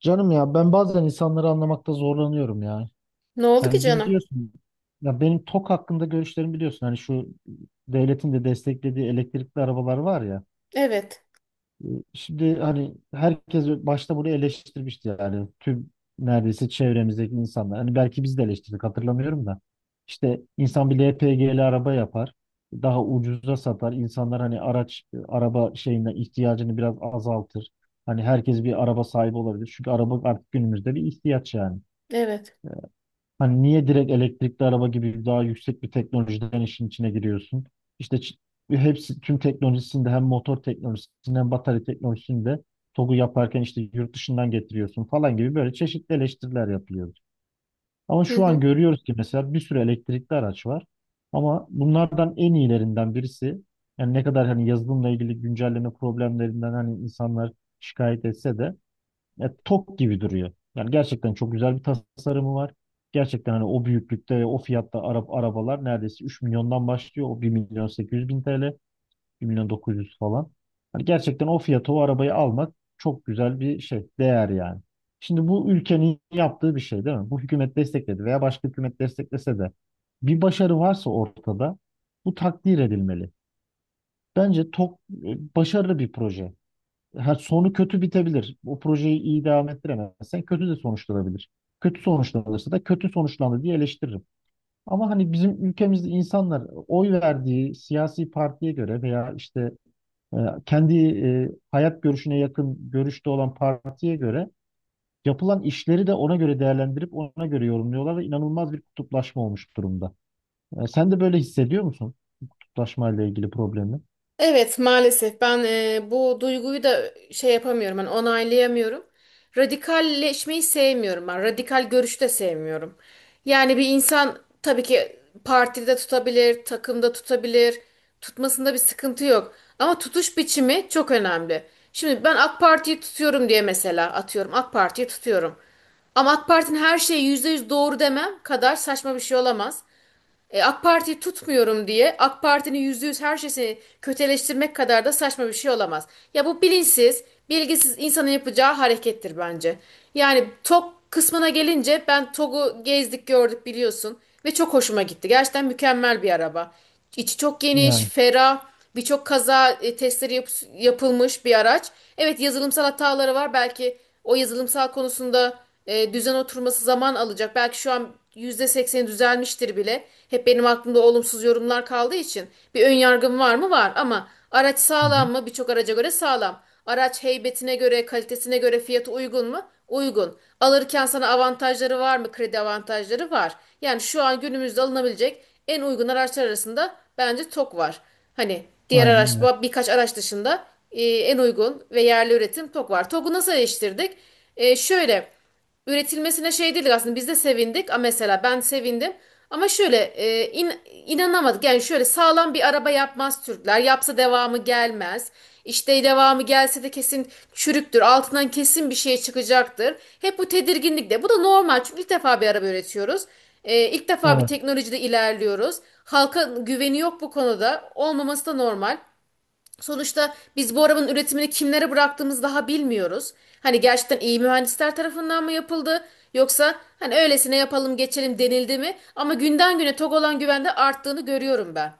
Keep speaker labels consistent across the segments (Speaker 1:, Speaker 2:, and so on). Speaker 1: Canım ya ben bazen insanları anlamakta zorlanıyorum ya.
Speaker 2: Ne oldu ki
Speaker 1: Yani
Speaker 2: canım?
Speaker 1: biliyorsun ya benim TOK hakkında görüşlerimi biliyorsun. Hani şu devletin de desteklediği elektrikli arabalar var ya.
Speaker 2: Evet,
Speaker 1: Şimdi hani herkes başta bunu eleştirmişti yani tüm neredeyse çevremizdeki insanlar. Hani belki biz de eleştirdik hatırlamıyorum da. İşte insan bir LPG'li araba yapar. Daha ucuza satar. İnsanlar hani araç, araba şeyinden ihtiyacını biraz azaltır. Hani herkes bir araba sahibi olabilir. Çünkü araba artık günümüzde bir ihtiyaç yani.
Speaker 2: evet.
Speaker 1: Hani niye direkt elektrikli araba gibi daha yüksek bir teknolojiden işin içine giriyorsun? İşte hepsi tüm teknolojisinde hem motor teknolojisinde hem batarya teknolojisinde TOG'u yaparken işte yurt dışından getiriyorsun falan gibi böyle çeşitli eleştiriler yapılıyor. Ama
Speaker 2: Hı
Speaker 1: şu an
Speaker 2: hı.
Speaker 1: görüyoruz ki mesela bir sürü elektrikli araç var. Ama bunlardan en iyilerinden birisi yani ne kadar hani yazılımla ilgili güncelleme problemlerinden hani insanlar şikayet etse de ya tok gibi duruyor. Yani gerçekten çok güzel bir tasarımı var. Gerçekten hani o büyüklükte, o fiyatta Arap arabalar neredeyse 3 milyondan başlıyor. O 1 milyon 800 bin TL, bir milyon 900 falan. Hani gerçekten o fiyata o arabayı almak çok güzel bir şey, değer yani. Şimdi bu ülkenin yaptığı bir şey değil mi? Bu hükümet destekledi veya başka hükümet desteklese de bir başarı varsa ortada bu takdir edilmeli. Bence çok başarılı bir proje ha, sonu kötü bitebilir. O projeyi iyi devam ettiremezsen kötü de sonuçlanabilir. Kötü sonuçlanırsa da kötü sonuçlandı diye eleştiririm. Ama hani bizim ülkemizde insanlar oy verdiği siyasi partiye göre veya işte e, kendi hayat görüşüne yakın görüşte olan partiye göre yapılan işleri de ona göre değerlendirip ona göre yorumluyorlar ve inanılmaz bir kutuplaşma olmuş durumda. E, sen de böyle hissediyor musun kutuplaşma ile ilgili problemi?
Speaker 2: Evet, maalesef ben bu duyguyu da şey yapamıyorum, hani onaylayamıyorum. Radikalleşmeyi sevmiyorum ben. Radikal görüşü de sevmiyorum. Yani bir insan tabii ki partide tutabilir, takımda tutabilir. Tutmasında bir sıkıntı yok. Ama tutuş biçimi çok önemli. Şimdi ben AK Parti'yi tutuyorum diye mesela atıyorum. AK Parti'yi tutuyorum. Ama AK Parti'nin her şeyi %100 doğru demem kadar saçma bir şey olamaz. AK Parti'yi tutmuyorum diye AK Parti'nin %100 her şeyini kötüleştirmek kadar da saçma bir şey olamaz. Ya bu bilinçsiz, bilgisiz insanın yapacağı harekettir bence. Yani TOG kısmına gelince ben TOG'u gezdik gördük biliyorsun ve çok hoşuma gitti. Gerçekten mükemmel bir araba. İçi çok geniş,
Speaker 1: Yani.
Speaker 2: ferah birçok kaza testleri yapılmış bir araç. Evet, yazılımsal hataları var. Belki o yazılımsal konusunda düzen oturması zaman alacak. Belki şu an %80'i düzelmiştir bile. Hep benim aklımda olumsuz yorumlar kaldığı için bir ön yargım var mı? Var, ama araç
Speaker 1: Hı
Speaker 2: sağlam
Speaker 1: hı.
Speaker 2: mı? Birçok araca göre sağlam. Araç heybetine göre, kalitesine göre fiyatı uygun mu? Uygun. Alırken sana avantajları var mı? Kredi avantajları var. Yani şu an günümüzde alınabilecek en uygun araçlar arasında bence TOK var. Hani diğer
Speaker 1: Aynen
Speaker 2: araç,
Speaker 1: öyle.
Speaker 2: birkaç araç dışında en uygun ve yerli üretim TOG var. TOG'u nasıl eleştirdik? Şöyle üretilmesine şey dedik, aslında biz de sevindik. A mesela ben sevindim. Ama şöyle inanamadık. Yani şöyle sağlam bir araba yapmaz Türkler. Yapsa devamı gelmez. İşte devamı gelse de kesin çürüktür. Altından kesin bir şey çıkacaktır. Hep bu tedirginlik de. Bu da normal, çünkü ilk defa bir araba üretiyoruz. İlk defa bir
Speaker 1: Evet,
Speaker 2: teknolojide ilerliyoruz. Halka güveni yok bu konuda. Olmaması da normal. Sonuçta biz bu arabanın üretimini kimlere bıraktığımızı daha bilmiyoruz. Hani gerçekten iyi mühendisler tarafından mı yapıldı yoksa hani öylesine yapalım geçelim denildi mi? Ama günden güne Togolan güvende arttığını görüyorum ben.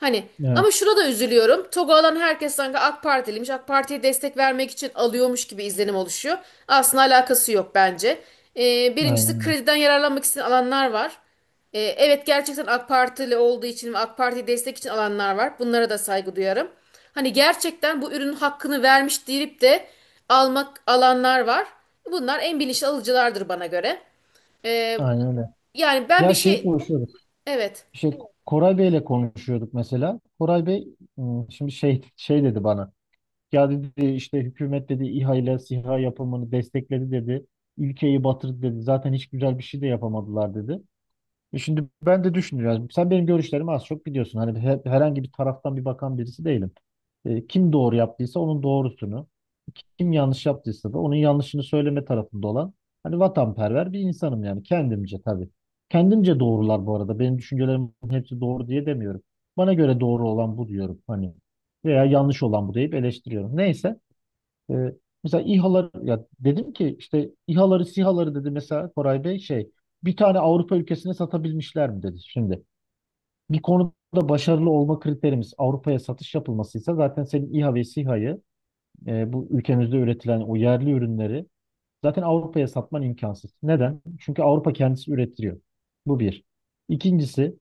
Speaker 2: Hani,
Speaker 1: evet.
Speaker 2: ama şuna da üzülüyorum. Togolan herkes sanki AK Partiliymiş. AK Parti'ye destek vermek için alıyormuş gibi izlenim oluşuyor. Aslında alakası yok bence. Birincisi
Speaker 1: Aynen öyle.
Speaker 2: krediden yararlanmak isteyen alanlar var. Evet, gerçekten AK Partili olduğu için ve AK Parti'yi destek için alanlar var. Bunlara da saygı duyarım. Hani gerçekten bu ürünün hakkını vermiş deyip de almak alanlar var. Bunlar en bilinçli alıcılardır bana göre. E,
Speaker 1: Aynen öyle.
Speaker 2: yani ben
Speaker 1: Ya
Speaker 2: bir
Speaker 1: şey
Speaker 2: şey...
Speaker 1: konuşuyorduk.
Speaker 2: Evet.
Speaker 1: Şey, Koray Bey'le konuşuyorduk mesela. Koray Bey şimdi şey dedi bana. Ya dedi işte hükümet dedi İHA ile SİHA yapımını destekledi dedi. Ülkeyi batırdı dedi. Zaten hiç güzel bir şey de yapamadılar dedi. E, şimdi ben de düşünüyorum. Sen benim görüşlerimi az çok biliyorsun. Hani herhangi bir taraftan bir bakan birisi değilim. E, kim doğru yaptıysa onun doğrusunu, kim yanlış yaptıysa da onun yanlışını söyleme tarafında olan hani vatanperver bir insanım yani kendimce tabii. Kendimce doğrular bu arada. Benim düşüncelerimin hepsi doğru diye demiyorum. Bana göre doğru olan bu diyorum hani veya yanlış olan bu deyip eleştiriyorum. Neyse. Ee, Mesela İHA'lar ya dedim ki işte İHA'ları SİHA'ları dedi mesela Koray Bey şey bir tane Avrupa ülkesine satabilmişler mi dedi şimdi. Bir konuda başarılı olma kriterimiz Avrupa'ya satış yapılmasıysa zaten senin İHA ve SİHA'yı bu ülkemizde üretilen o yerli ürünleri zaten Avrupa'ya satman imkansız. Neden? Çünkü Avrupa kendisi üretiliyor. Bu bir. İkincisi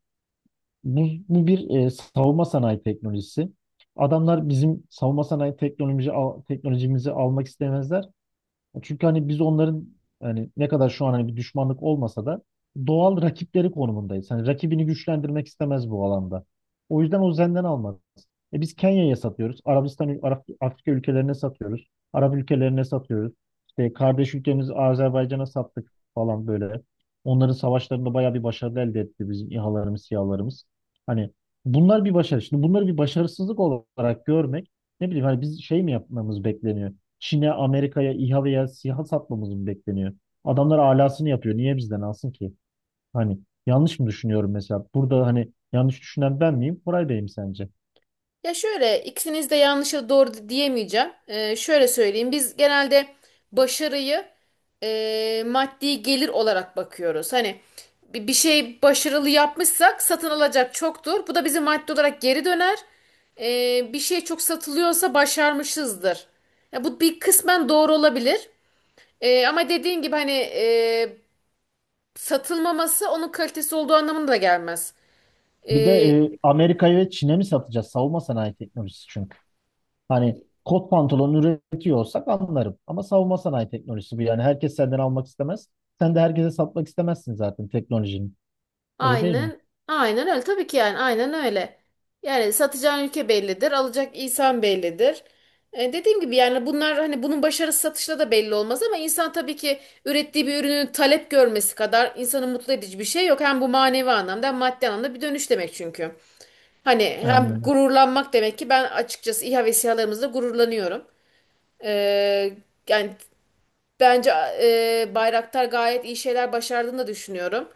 Speaker 1: bu, bu bir savunma sanayi teknolojisi. Adamlar bizim savunma sanayi teknolojimizi almak istemezler. Çünkü hani biz onların hani ne kadar şu an hani bir düşmanlık olmasa da doğal rakipleri konumundayız. Hani rakibini güçlendirmek istemez bu alanda. O yüzden o Zen'den almaz. E, biz Kenya'ya satıyoruz. Arabistan, Arap, Afrika ülkelerine satıyoruz. Arap ülkelerine satıyoruz. İşte kardeş ülkemiz Azerbaycan'a sattık falan böyle. Onların savaşlarında bayağı bir başarı elde etti bizim İHA'larımız, SİHA'larımız. Hani bunlar bir başarı. Şimdi bunları bir başarısızlık olarak görmek ne bileyim hani biz şey mi yapmamız bekleniyor? Çin'e, Amerika'ya, İHA veya SİHA satmamız mı bekleniyor? Adamlar alasını yapıyor. Niye bizden alsın ki? Hani yanlış mı düşünüyorum mesela? Burada hani yanlış düşünen ben miyim? Koray Bey mi sence?
Speaker 2: Ya şöyle, ikisiniz de yanlış ya da doğru diyemeyeceğim. Şöyle söyleyeyim. Biz genelde başarıyı maddi gelir olarak bakıyoruz. Hani bir şey başarılı yapmışsak satın alacak çoktur. Bu da bize maddi olarak geri döner. Bir şey çok satılıyorsa başarmışızdır. Ya bu bir kısmen doğru olabilir. Ama dediğin gibi hani satılmaması onun kalitesi olduğu anlamına da gelmez.
Speaker 1: Bir de
Speaker 2: Ee,
Speaker 1: Amerika'ya ve Çin'e mi satacağız? Savunma sanayi teknolojisi çünkü. Hani kot pantolon üretiyor olsak anlarım. Ama savunma sanayi teknolojisi bu. Yani herkes senden almak istemez. Sen de herkese satmak istemezsin zaten teknolojinin. Öyle değil mi?
Speaker 2: Aynen, aynen öyle. Tabii ki, yani aynen öyle. Yani satacağın ülke bellidir, alacak insan bellidir. Dediğim gibi yani bunlar hani bunun başarısı satışla da belli olmaz, ama insan tabii ki ürettiği bir ürünün talep görmesi kadar insanı mutlu edici bir şey yok. Hem bu manevi anlamda hem maddi anlamda bir dönüş demek çünkü. Hani
Speaker 1: Aynen
Speaker 2: hem
Speaker 1: öyle.
Speaker 2: gururlanmak demek ki ben açıkçası İHA ve SİHA'larımızla gururlanıyorum. Ee, yani bence Bayraktar gayet iyi şeyler başardığını da düşünüyorum.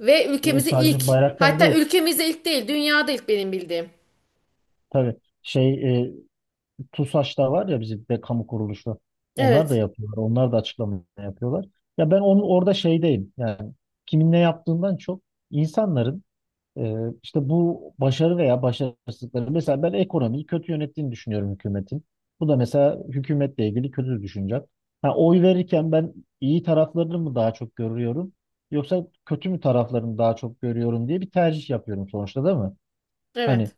Speaker 2: Ve
Speaker 1: E,
Speaker 2: ülkemizi ilk,
Speaker 1: sadece bayraklar
Speaker 2: hatta
Speaker 1: değil.
Speaker 2: ülkemizde ilk değil, dünyada ilk benim bildiğim.
Speaker 1: Tabii şey TUSAŞ'ta var ya bizim be kamu kuruluşu. Onlar da
Speaker 2: Evet,
Speaker 1: yapıyorlar. Onlar da açıklama yapıyorlar. Ya ben onun orada şeydeyim. Yani kimin ne yaptığından çok insanların e, işte bu başarı veya başarısızlıkları mesela ben ekonomiyi kötü yönettiğini düşünüyorum hükümetin. Bu da mesela hükümetle ilgili kötü düşüncem. Ha, oy verirken ben iyi taraflarını mı daha çok görüyorum yoksa kötü mü taraflarını daha çok görüyorum diye bir tercih yapıyorum sonuçta değil mi? Hani
Speaker 2: evet.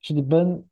Speaker 1: şimdi ben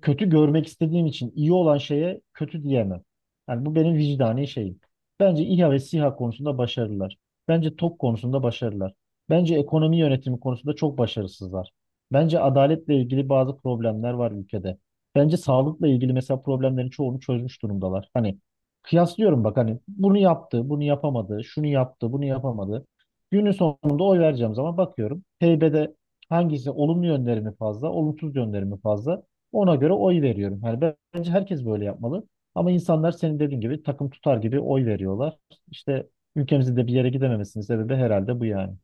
Speaker 1: kötü görmek istediğim için iyi olan şeye kötü diyemem. Yani bu benim vicdani şeyim. Bence İHA ve SİHA konusunda başarılılar. Bence TOK konusunda başarılılar. Bence ekonomi yönetimi konusunda çok başarısızlar. Bence adaletle ilgili bazı problemler var ülkede. Bence sağlıkla ilgili mesela problemlerin çoğunu çözmüş durumdalar. Hani kıyaslıyorum bak hani bunu yaptı, bunu yapamadı, şunu yaptı, bunu yapamadı. Günün sonunda oy vereceğim zaman bakıyorum. Heybede hangisi olumlu yönleri mi fazla, olumsuz yönleri mi fazla? Ona göre oy veriyorum. Yani bence herkes böyle yapmalı. Ama insanlar senin dediğin gibi takım tutar gibi oy veriyorlar. İşte ülkemizin de bir yere gidememesinin sebebi herhalde bu yani.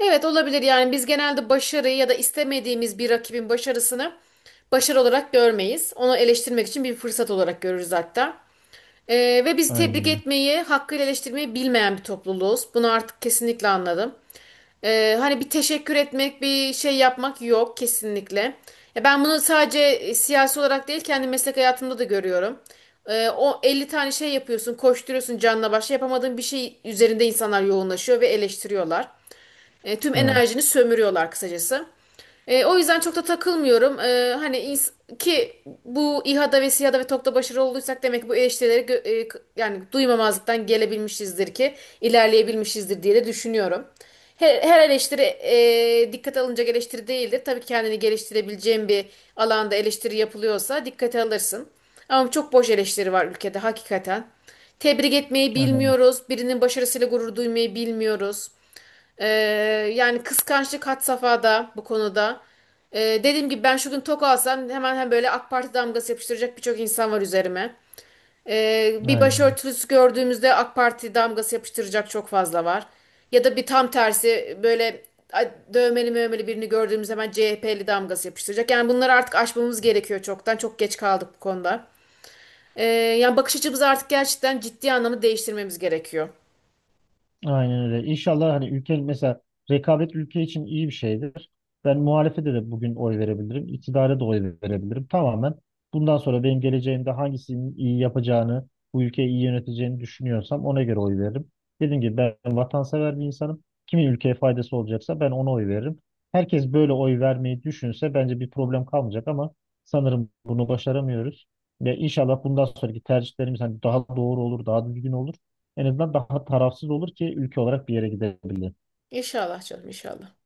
Speaker 2: Evet, olabilir. Yani biz genelde başarıyı ya da istemediğimiz bir rakibin başarısını başarı olarak görmeyiz. Onu eleştirmek için bir fırsat olarak görürüz hatta. Ve bizi tebrik
Speaker 1: Aynen.
Speaker 2: etmeyi, hakkıyla eleştirmeyi bilmeyen bir topluluğuz. Bunu artık kesinlikle anladım. Hani bir teşekkür etmek, bir şey yapmak yok kesinlikle. Ya ben bunu sadece siyasi olarak değil, kendi meslek hayatımda da görüyorum. O 50 tane şey yapıyorsun, koşturuyorsun canla başla, yapamadığın bir şey üzerinde insanlar yoğunlaşıyor ve eleştiriyorlar. Tüm
Speaker 1: Evet.
Speaker 2: enerjini sömürüyorlar kısacası. O yüzden çok da takılmıyorum. Hani ki bu İHA'da ve SİHA'da ve TOKİ'de başarılı olduysak demek ki bu eleştirileri yani duymamazlıktan gelebilmişizdir ki ilerleyebilmişizdir diye de düşünüyorum. Her eleştiri dikkate alınacak eleştiri değildir. Tabii kendini geliştirebileceğin bir alanda eleştiri yapılıyorsa dikkate alırsın. Ama çok boş eleştiri var ülkede hakikaten. Tebrik etmeyi
Speaker 1: Aynen.
Speaker 2: bilmiyoruz. Birinin başarısıyla gurur duymayı bilmiyoruz. Ee, yani kıskançlık had safhada bu konuda. Dediğim gibi ben şu gün tok alsam hemen hem böyle AK Parti damgası yapıştıracak birçok insan var üzerime. Bir
Speaker 1: Aynen.
Speaker 2: başörtüsü gördüğümüzde AK Parti damgası yapıştıracak çok fazla var. Ya da bir tam tersi, böyle ay, dövmeli mövmeli birini gördüğümüz hemen CHP'li damgası yapıştıracak. Yani bunları artık aşmamız gerekiyor çoktan. Çok geç kaldık bu konuda. Ee, yani bakış açımızı artık gerçekten ciddi anlamda değiştirmemiz gerekiyor.
Speaker 1: Aynen öyle. İnşallah hani ülke mesela rekabet ülke için iyi bir şeydir. Ben muhalefete de bugün oy verebilirim. İktidara da oy verebilirim. Tamamen bundan sonra benim geleceğimde hangisinin iyi yapacağını, bu ülkeyi iyi yöneteceğini düşünüyorsam ona göre oy veririm. Dediğim gibi ben vatansever bir insanım. Kimin ülkeye faydası olacaksa ben ona oy veririm. Herkes böyle oy vermeyi düşünse bence bir problem kalmayacak ama sanırım bunu başaramıyoruz. Ve inşallah bundan sonraki tercihlerimiz hani daha doğru olur, daha düzgün olur. En azından daha tarafsız olur ki ülke olarak bir yere gidebilir.
Speaker 2: İnşallah canım, inşallah.